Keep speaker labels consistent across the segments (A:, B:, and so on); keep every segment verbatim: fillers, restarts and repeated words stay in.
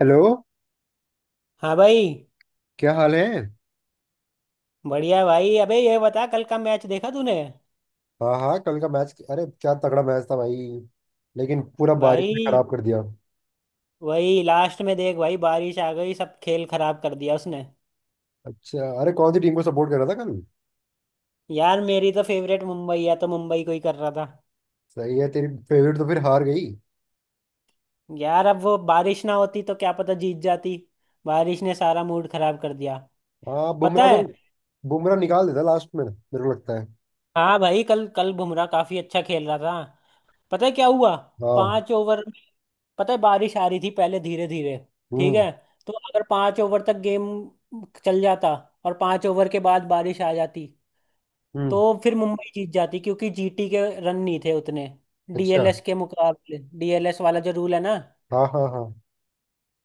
A: Hello.
B: हाँ भाई।
A: क्या हाल है?
B: बढ़िया है भाई, अबे ये बता कल का मैच देखा तूने?
A: हाँ हाँ, कल का मैच। अरे क्या तगड़ा मैच था भाई। लेकिन पूरा बारिश ने
B: भाई
A: खराब कर दिया।
B: वही लास्ट में देख भाई, बारिश आ गई, सब खेल खराब कर दिया उसने।
A: अच्छा। अरे कौन सी टीम को सपोर्ट कर रहा था कल?
B: यार मेरी तो फेवरेट मुंबई है तो मुंबई को ही कर रहा था।
A: सही है। तेरी फेवरेट तो फिर हार गई।
B: यार अब वो बारिश ना होती तो क्या पता जीत जाती। बारिश ने सारा मूड खराब कर दिया।
A: हाँ,
B: पता
A: बुमराह तो।
B: है।
A: बुमराह निकाल देता लास्ट में, मेरे को लगता है।
B: हाँ भाई, कल कल बुमराह काफी अच्छा खेल रहा था। पता है क्या हुआ?
A: हाँ।
B: पांच ओवर। पता है बारिश आ रही थी पहले धीरे धीरे। ठीक
A: हम्म
B: है। तो अगर पांच ओवर तक गेम चल जाता और पांच ओवर के बाद बारिश आ जाती तो
A: हम्म।
B: फिर मुंबई जीत जाती क्योंकि जीटी के रन नहीं थे उतने।
A: अच्छा।
B: डीएलएस के मुकाबले, डीएलएस वाला जो रूल है ना,
A: हाँ हाँ हाँ।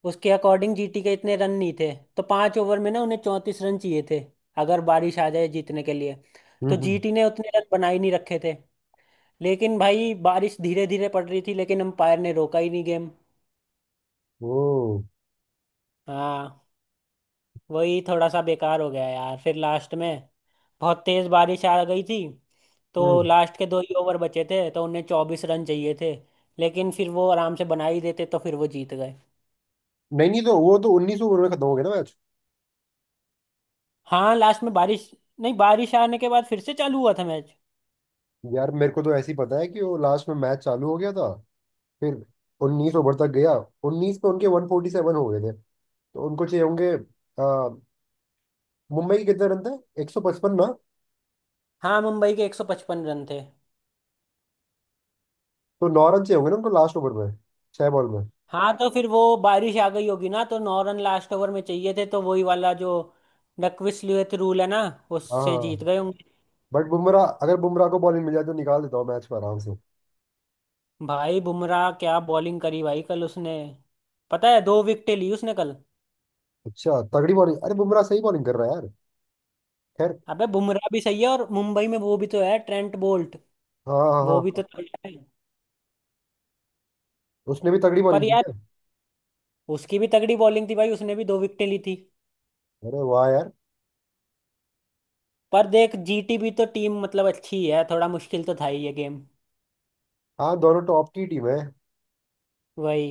B: उसके अकॉर्डिंग जीटी के इतने रन नहीं थे, तो पांच ओवर में ना उन्हें चौंतीस रन चाहिए थे अगर बारिश आ जाए जीतने के लिए।
A: हम्म
B: तो
A: हम्म।
B: जीटी ने उतने रन बना ही नहीं रखे थे। लेकिन भाई बारिश धीरे धीरे पड़ रही थी, लेकिन अंपायर ने रोका ही नहीं गेम।
A: ओ।
B: हाँ, वही थोड़ा सा बेकार हो गया यार। फिर लास्ट में बहुत तेज बारिश आ गई थी, तो
A: हम्म।
B: लास्ट के दो ही ओवर बचे थे, तो उन्हें चौबीस रन चाहिए थे। लेकिन फिर वो आराम से बना ही देते तो फिर वो जीत गए।
A: नहीं नहीं, तो वो तो उन्नीस ओवर में खत्म हो गया ना मैच।
B: हाँ लास्ट में बारिश। नहीं, बारिश आने के बाद फिर से चालू हुआ था मैच।
A: यार, मेरे को तो ऐसे ही पता है कि वो लास्ट में मैच चालू हो गया था फिर उन्नीस ओवर तक गया। उन्नीस पे उनके वन फोर्टी सेवन हो गए थे। तो उनको चाहिए होंगे आ, मुंबई के कितने रन थे, एक सौ पचपन ना?
B: हाँ मुंबई के एक सौ पचपन रन थे।
A: तो नौ रन चाहिए होंगे ना उनको लास्ट ओवर में। छह बॉल में।
B: हाँ तो फिर वो बारिश आ गई होगी ना, तो नौ रन लास्ट ओवर में चाहिए थे, तो वही वाला जो डकविसलियत रूल है ना, उससे
A: हाँ,
B: जीत गए होंगे।
A: बट बुमराह, अगर बुमराह को बॉलिंग मिल जाए तो निकाल देता हूँ मैच को आराम से।
B: भाई बुमराह क्या बॉलिंग करी भाई कल उसने। पता है, दो विकेटें ली उसने कल।
A: अच्छा, तगड़ी बॉलिंग। अरे बुमराह सही बॉलिंग कर रहा है यार। खैर।
B: अबे बुमराह भी सही है, और मुंबई में वो भी तो है, ट्रेंट बोल्ट।
A: हाँ हाँ
B: वो भी
A: हाँ।
B: तो तगड़ा है।
A: उसने भी तगड़ी
B: पर
A: बॉलिंग की
B: यार
A: क्या?
B: उसकी भी तगड़ी बॉलिंग थी भाई, उसने भी दो विकेटें ली थी।
A: अरे वाह यार।
B: पर देख जीटी भी तो टीम मतलब अच्छी है, थोड़ा मुश्किल तो था ही ये गेम।
A: हाँ, दोनों टॉप की टीम है।
B: वही।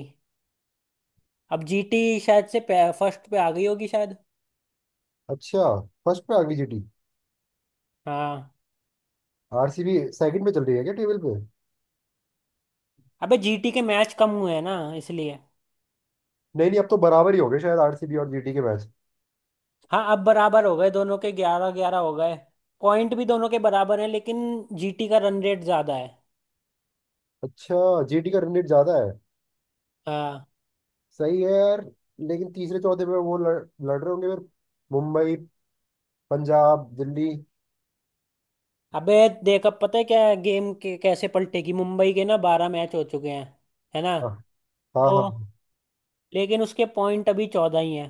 B: अब जीटी शायद से फर्स्ट पे आ गई होगी शायद।
A: अच्छा। फर्स्ट पे आ गई जीटी?
B: हाँ।
A: आरसीबी सेकंड पे चल रही है क्या टेबल पे?
B: अबे जीटी के मैच कम हुए हैं ना इसलिए।
A: नहीं नहीं, अब तो बराबर ही हो गए शायद आरसीबी और जीटी के मैच।
B: हाँ अब बराबर हो गए, दोनों के ग्यारह ग्यारह हो गए। पॉइंट भी दोनों के बराबर हैं, लेकिन जीटी का रन रेट ज्यादा है।
A: अच्छा। जीटी का रन रेट ज्यादा है।
B: हाँ।
A: सही है यार। लेकिन तीसरे चौथे में वो लड़, लड़ रहे होंगे फिर। मुंबई, पंजाब, दिल्ली।
B: अबे देख अब पता है क्या है, गेम के कैसे पलटेगी, मुंबई के ना बारह मैच हो चुके हैं, है ना?
A: हाँ हाँ
B: तो
A: हाँ।
B: लेकिन उसके पॉइंट अभी चौदह ही हैं।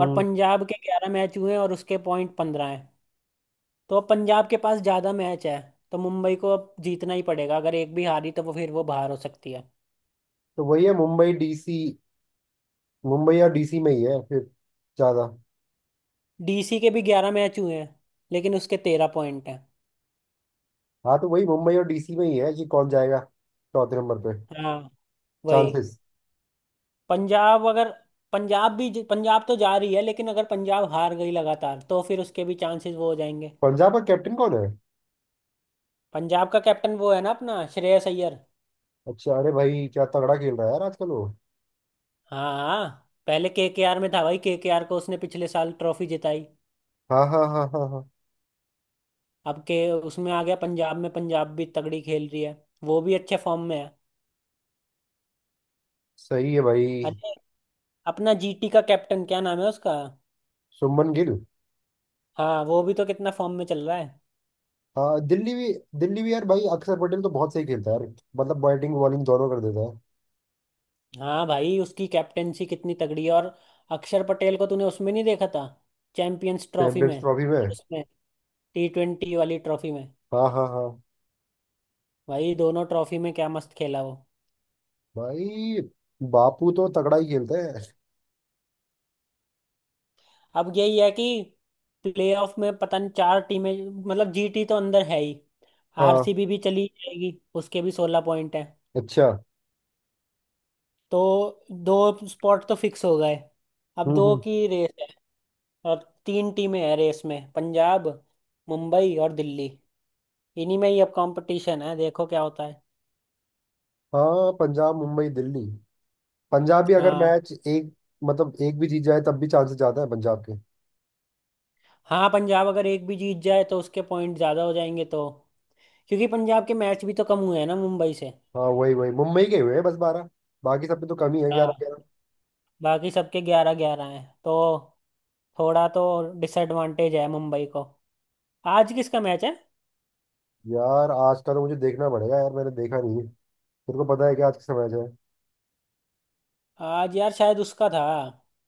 B: और पंजाब के ग्यारह मैच हुए हैं और उसके पॉइंट पंद्रह हैं। तो अब पंजाब के पास ज़्यादा मैच है तो मुंबई को अब जीतना ही पड़ेगा, अगर एक भी हारी तो वो फिर वो बाहर हो सकती है।
A: तो वही है, मुंबई डीसी। मुंबई और डीसी में ही है फिर ज्यादा।
B: डीसी के भी ग्यारह मैच हुए हैं, लेकिन उसके तेरह पॉइंट हैं।
A: हाँ, तो वही मुंबई और डीसी में ही है कि कौन जाएगा चौथे नंबर पे।
B: हाँ वही।
A: चांसेस।
B: पंजाब अगर, पंजाब भी, पंजाब तो जा रही है, लेकिन अगर पंजाब हार गई लगातार तो फिर उसके भी चांसेस वो हो जाएंगे।
A: पंजाब का कैप्टन कौन है?
B: पंजाब का कैप्टन वो है ना, अपना श्रेयस अय्यर।
A: अच्छा। अरे भाई क्या तगड़ा खेल रहा है यार आजकल वो।
B: हाँ हाँ, पहले केकेआर में था भाई, केकेआर को उसने पिछले साल ट्रॉफी जिताई।
A: हाँ हाँ हाँ हाँ हाँ।
B: अब के उसमें आ गया पंजाब में, पंजाब भी तगड़ी खेल रही है। वो भी अच्छे फॉर्म में है।
A: सही है भाई।
B: अरे अपना जीटी का कैप्टन क्या नाम है उसका?
A: शुभमन गिल।
B: हाँ वो भी तो कितना फॉर्म में चल रहा है।
A: हाँ, दिल्ली भी। दिल्ली भी यार भाई, अक्षर पटेल तो बहुत सही खेलता है यार। मतलब बैटिंग बॉलिंग दोनों कर देता है।
B: हाँ भाई उसकी कैप्टेंसी कितनी तगड़ी है। और अक्षर पटेल को तूने उसमें नहीं देखा था? चैंपियंस ट्रॉफी
A: चैंपियंस
B: में
A: ट्रॉफी में।
B: और उसमें टी ट्वेंटी वाली ट्रॉफी में।
A: हाँ हाँ हाँ।
B: भाई दोनों ट्रॉफी में क्या मस्त खेला वो।
A: भाई बापू तो तगड़ा ही खेलते हैं।
B: अब यही है कि प्लेऑफ में पता नहीं चार टीमें, मतलब जीटी तो अंदर है ही।
A: हाँ।
B: आरसीबी भी चली जाएगी, उसके भी सोलह पॉइंट है।
A: अच्छा।
B: तो दो स्पॉट तो फिक्स हो गए। अब
A: हम्म
B: दो
A: हम्म।
B: की रेस है, और तीन टीमें हैं रेस में, पंजाब, मुंबई और दिल्ली। इन्हीं में ही अब कंपटीशन है, देखो क्या होता है।
A: हाँ, पंजाब मुंबई दिल्ली। पंजाब भी अगर
B: हाँ।
A: मैच एक, मतलब एक भी जीत जाए तब भी चांसेस ज्यादा है पंजाब के।
B: हाँ पंजाब अगर एक भी जीत जाए तो उसके पॉइंट ज़्यादा हो जाएंगे, तो क्योंकि पंजाब के मैच भी तो कम हुए हैं ना मुंबई से।
A: हाँ वही वही, मुंबई के हुए हैं बस बारह। बाकी सब में तो कमी है, ग्यारह
B: हाँ
A: ग्यारह।
B: बाकी सबके ग्यारह ग्यारह हैं, तो थोड़ा तो डिसएडवांटेज है मुंबई को। आज किसका मैच है?
A: यार आज का तो मुझे देखना पड़ेगा यार, मैंने देखा नहीं है। तेरे को पता है कि आज किसका मैच है?
B: आज यार शायद उसका था,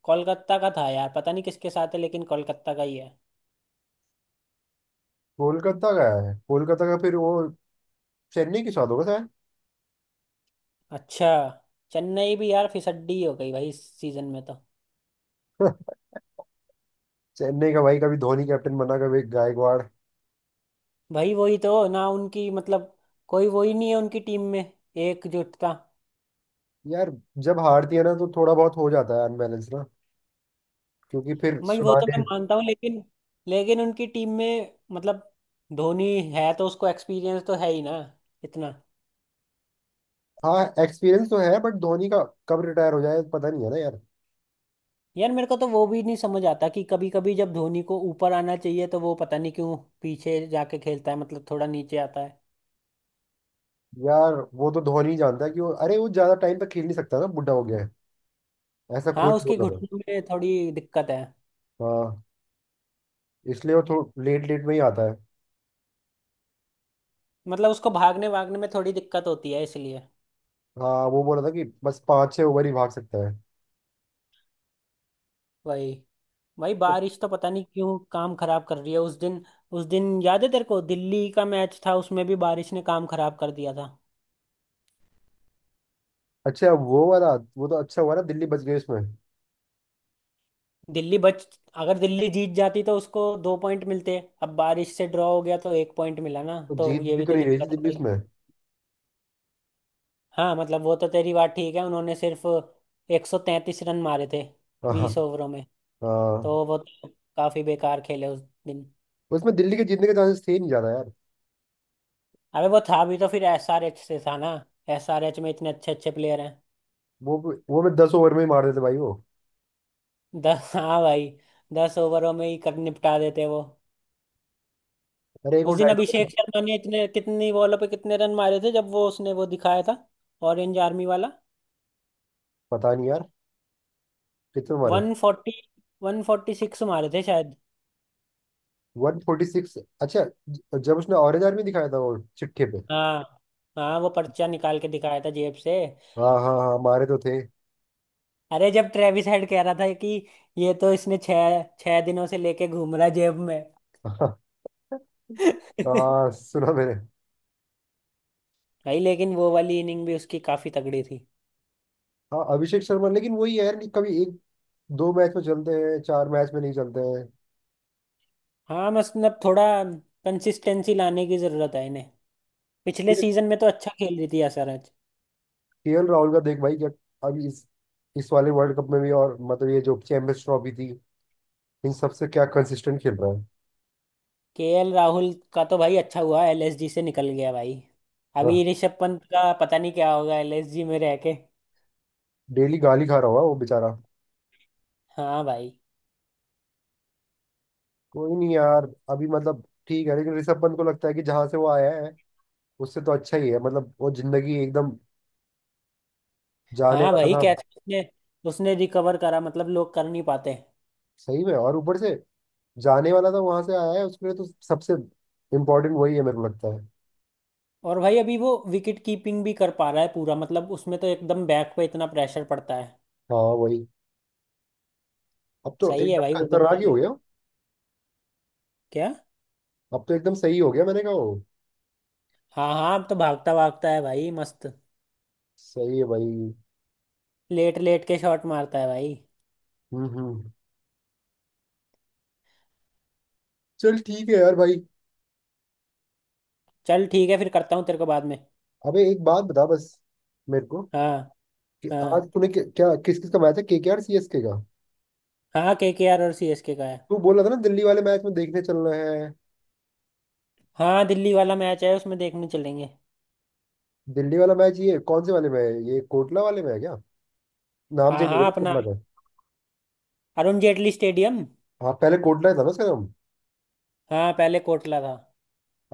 B: कोलकाता का था यार, पता नहीं किसके साथ है लेकिन कोलकाता का ही है।
A: कोलकाता का है। कोलकाता का, फिर वो चेन्नई के साथ होगा शायद।
B: अच्छा। चेन्नई भी यार फिसड्डी हो गई भाई इस सीजन में तो।
A: चेन्नई का भाई, कभी धोनी कैप्टन बना कभी गायकवाड़।
B: भाई वही तो ना, उनकी मतलब कोई वही नहीं है उनकी टीम में, एकजुटता।
A: यार, जब हारती है ना तो थोड़ा बहुत हो जाता है अनबैलेंस ना। क्योंकि फिर
B: मैं वो तो मैं
A: सुनाने।
B: मानता हूँ, लेकिन लेकिन उनकी टीम में मतलब धोनी है तो उसको एक्सपीरियंस तो है ही ना, इतना।
A: हाँ, एक्सपीरियंस तो है। बट धोनी का कब रिटायर हो जाए पता नहीं है ना यार।
B: यार मेरे को तो वो भी नहीं समझ आता कि कभी कभी जब धोनी को ऊपर आना चाहिए तो वो पता नहीं क्यों पीछे जाके खेलता है, मतलब थोड़ा नीचे आता है।
A: यार, वो तो धोनी ही जानता है कि वो, अरे वो ज्यादा टाइम तक खेल नहीं सकता ना, बुढ़ा हो गया है। ऐसा
B: हाँ
A: कोच
B: उसके
A: बोल रहा था।
B: घुटने में थोड़ी दिक्कत है।
A: हाँ, इसलिए वो थोड़ा लेट लेट में ही आता है।
B: मतलब उसको भागने भागने में थोड़ी दिक्कत होती है इसलिए।
A: हाँ, वो बोल रहा था कि बस पाँच छह ओवर ही भाग सकता है।
B: वही। भाई
A: But,
B: बारिश तो पता नहीं क्यों काम खराब कर रही है उस दिन। उस दिन याद है तेरे को दिल्ली का मैच था, उसमें भी बारिश ने काम खराब कर दिया था।
A: अच्छा वो वाला, वो तो अच्छा हुआ ना दिल्ली बच गई उसमें।
B: दिल्ली बच अगर दिल्ली जीत जाती तो उसको दो पॉइंट मिलते। अब बारिश से ड्रॉ हो गया तो एक पॉइंट मिला ना,
A: तो
B: तो
A: जीत
B: ये
A: भी
B: भी
A: तो
B: तो
A: नहीं रही थी
B: दिक्कत
A: दिल्ली
B: है।
A: उसमें।
B: हाँ मतलब वो तो तेरी बात ठीक है, उन्होंने सिर्फ एक सौ तैंतीस रन मारे थे
A: हाँ हाँ
B: बीस ओवरों में।
A: हाँ।
B: तो वो तो काफी बेकार खेले उस दिन।
A: उसमें दिल्ली के जीतने के चांसेस थे ही नहीं ज्यादा यार।
B: अबे वो था भी तो फिर एसआरएच से था ना, एसआरएच में इतने अच्छे अच्छे प्लेयर हैं।
A: वो वो मैं दस ओवर में ही मार देते भाई वो।
B: दस, हाँ भाई दस ओवरों में ही कर निपटा देते वो।
A: अरे एक वो
B: उस दिन
A: डायलॉग।
B: अभिषेक शर्मा ने इतने, कितनी बॉलों पे कितने रन मारे थे, जब वो उसने वो दिखाया था ऑरेंज आर्मी वाला।
A: पता नहीं यार कितने मारे।
B: One forty one forty six मारे थे शायद।
A: वन फोर्टी सिक्स, अच्छा। ज- जब उसने ऑरेंज आर्मी दिखाया था वो चिट्ठी पे।
B: हाँ हाँ वो पर्चा निकाल के दिखाया था जेब से।
A: हाँ हाँ हाँ, मारे तो थे।
B: अरे जब ट्रेविस हेड कह रहा था कि ये तो इसने छह छह दिनों से लेके घूम रहा जेब में।
A: हाँ। हाँ, सुना मैंने।
B: भाई लेकिन वो वाली इनिंग भी उसकी काफी तगड़ी थी।
A: हाँ, अभिषेक शर्मा। लेकिन वही है यार कि कभी एक दो मैच में चलते हैं, चार मैच में नहीं चलते हैं।
B: हाँ मतलब थोड़ा कंसिस्टेंसी लाने की जरूरत है इन्हें। पिछले सीजन में तो अच्छा खेल रही थी असरज।
A: केएल राहुल का देख भाई क्या, अभी इस इस वाले वर्ल्ड कप में भी, और मतलब ये जो चैंपियंस ट्रॉफी थी, इन सबसे क्या कंसिस्टेंट खेल रहा है।
B: केएल राहुल का तो भाई अच्छा हुआ एलएसजी से निकल गया भाई।
A: आह,
B: अभी ऋषभ पंत का पता नहीं क्या होगा एलएसजी में रह के।
A: डेली गाली खा रहा होगा वो बेचारा।
B: हाँ भाई।
A: कोई नहीं यार, अभी मतलब ठीक है। लेकिन ऋषभ पंत को लगता है कि जहां से वो आया है, उससे तो अच्छा ही है। मतलब वो जिंदगी एकदम जाने
B: हाँ
A: वाला
B: भाई
A: था।
B: कैसे उसने उसने रिकवर करा, मतलब लोग कर नहीं पाते।
A: सही में, और ऊपर से जाने वाला था वहां से आया है, उसके लिए तो सबसे इम्पोर्टेंट वही है मेरे को लगता है।
B: और भाई अभी वो विकेट कीपिंग भी कर पा रहा है पूरा, मतलब उसमें तो एकदम बैक पे इतना प्रेशर पड़ता है।
A: हाँ, वही। अब तो
B: सही है
A: एकदम
B: भाई, वो
A: खतरनाक
B: बंदा
A: ही हो
B: भी
A: गया।
B: क्या।
A: अब तो एकदम सही हो गया, मैंने कहा वो।
B: हाँ हाँ, अब तो भागता भागता है भाई मस्त।
A: सही है भाई।
B: लेट लेट के शॉट मारता है भाई।
A: हम्म हम्म। चल ठीक है यार भाई।
B: चल ठीक है, फिर करता हूँ तेरे को बाद में।
A: अबे एक बात बता बस मेरे को
B: हाँ।
A: कि
B: हाँ
A: आज तूने क्या, क्या किस किस का मैच है, केकेआर सीएसके का?
B: हाँ, के के आर और सी एस के का है।
A: तू बोल रहा था ना दिल्ली वाले मैच में देखने चलना है।
B: हाँ दिल्ली वाला मैच है, उसमें देखने चलेंगे।
A: दिल्ली वाला मैच ये कौन से वाले में है? ये कोटला वाले में है क्या? नाम
B: हाँ
A: चेंज हो गया
B: हाँ
A: ना
B: अपना
A: कोटला का।
B: अरुण जेटली स्टेडियम।
A: हाँ, पहले कोटला ही था ना उसका नाम।
B: हाँ पहले कोटला था।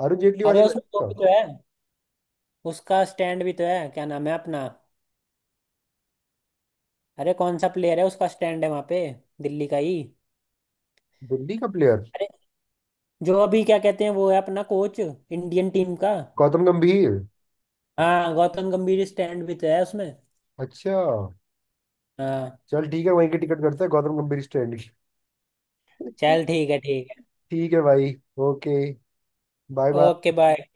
A: अरुण जेटली वाले
B: अरे
A: में है ना
B: उसमें वो
A: उसका।
B: भी तो है, उसका स्टैंड भी तो है, क्या नाम है अपना। अरे कौन सा प्लेयर है, उसका स्टैंड है वहाँ पे, दिल्ली का ही।
A: दिल्ली का प्लेयर।
B: जो अभी क्या कहते हैं वो है अपना कोच इंडियन टीम का।
A: गौतम गंभीर।
B: हाँ गौतम गंभीर स्टैंड भी तो है उसमें।
A: अच्छा।
B: हाँ।
A: चल ठीक है, वहीं की टिकट करते हैं गौतम गंभीर स्टैंड की।
B: चल ठीक है, ठीक है।
A: ठीक है भाई। Okay. Bye bye.
B: Okay, bye.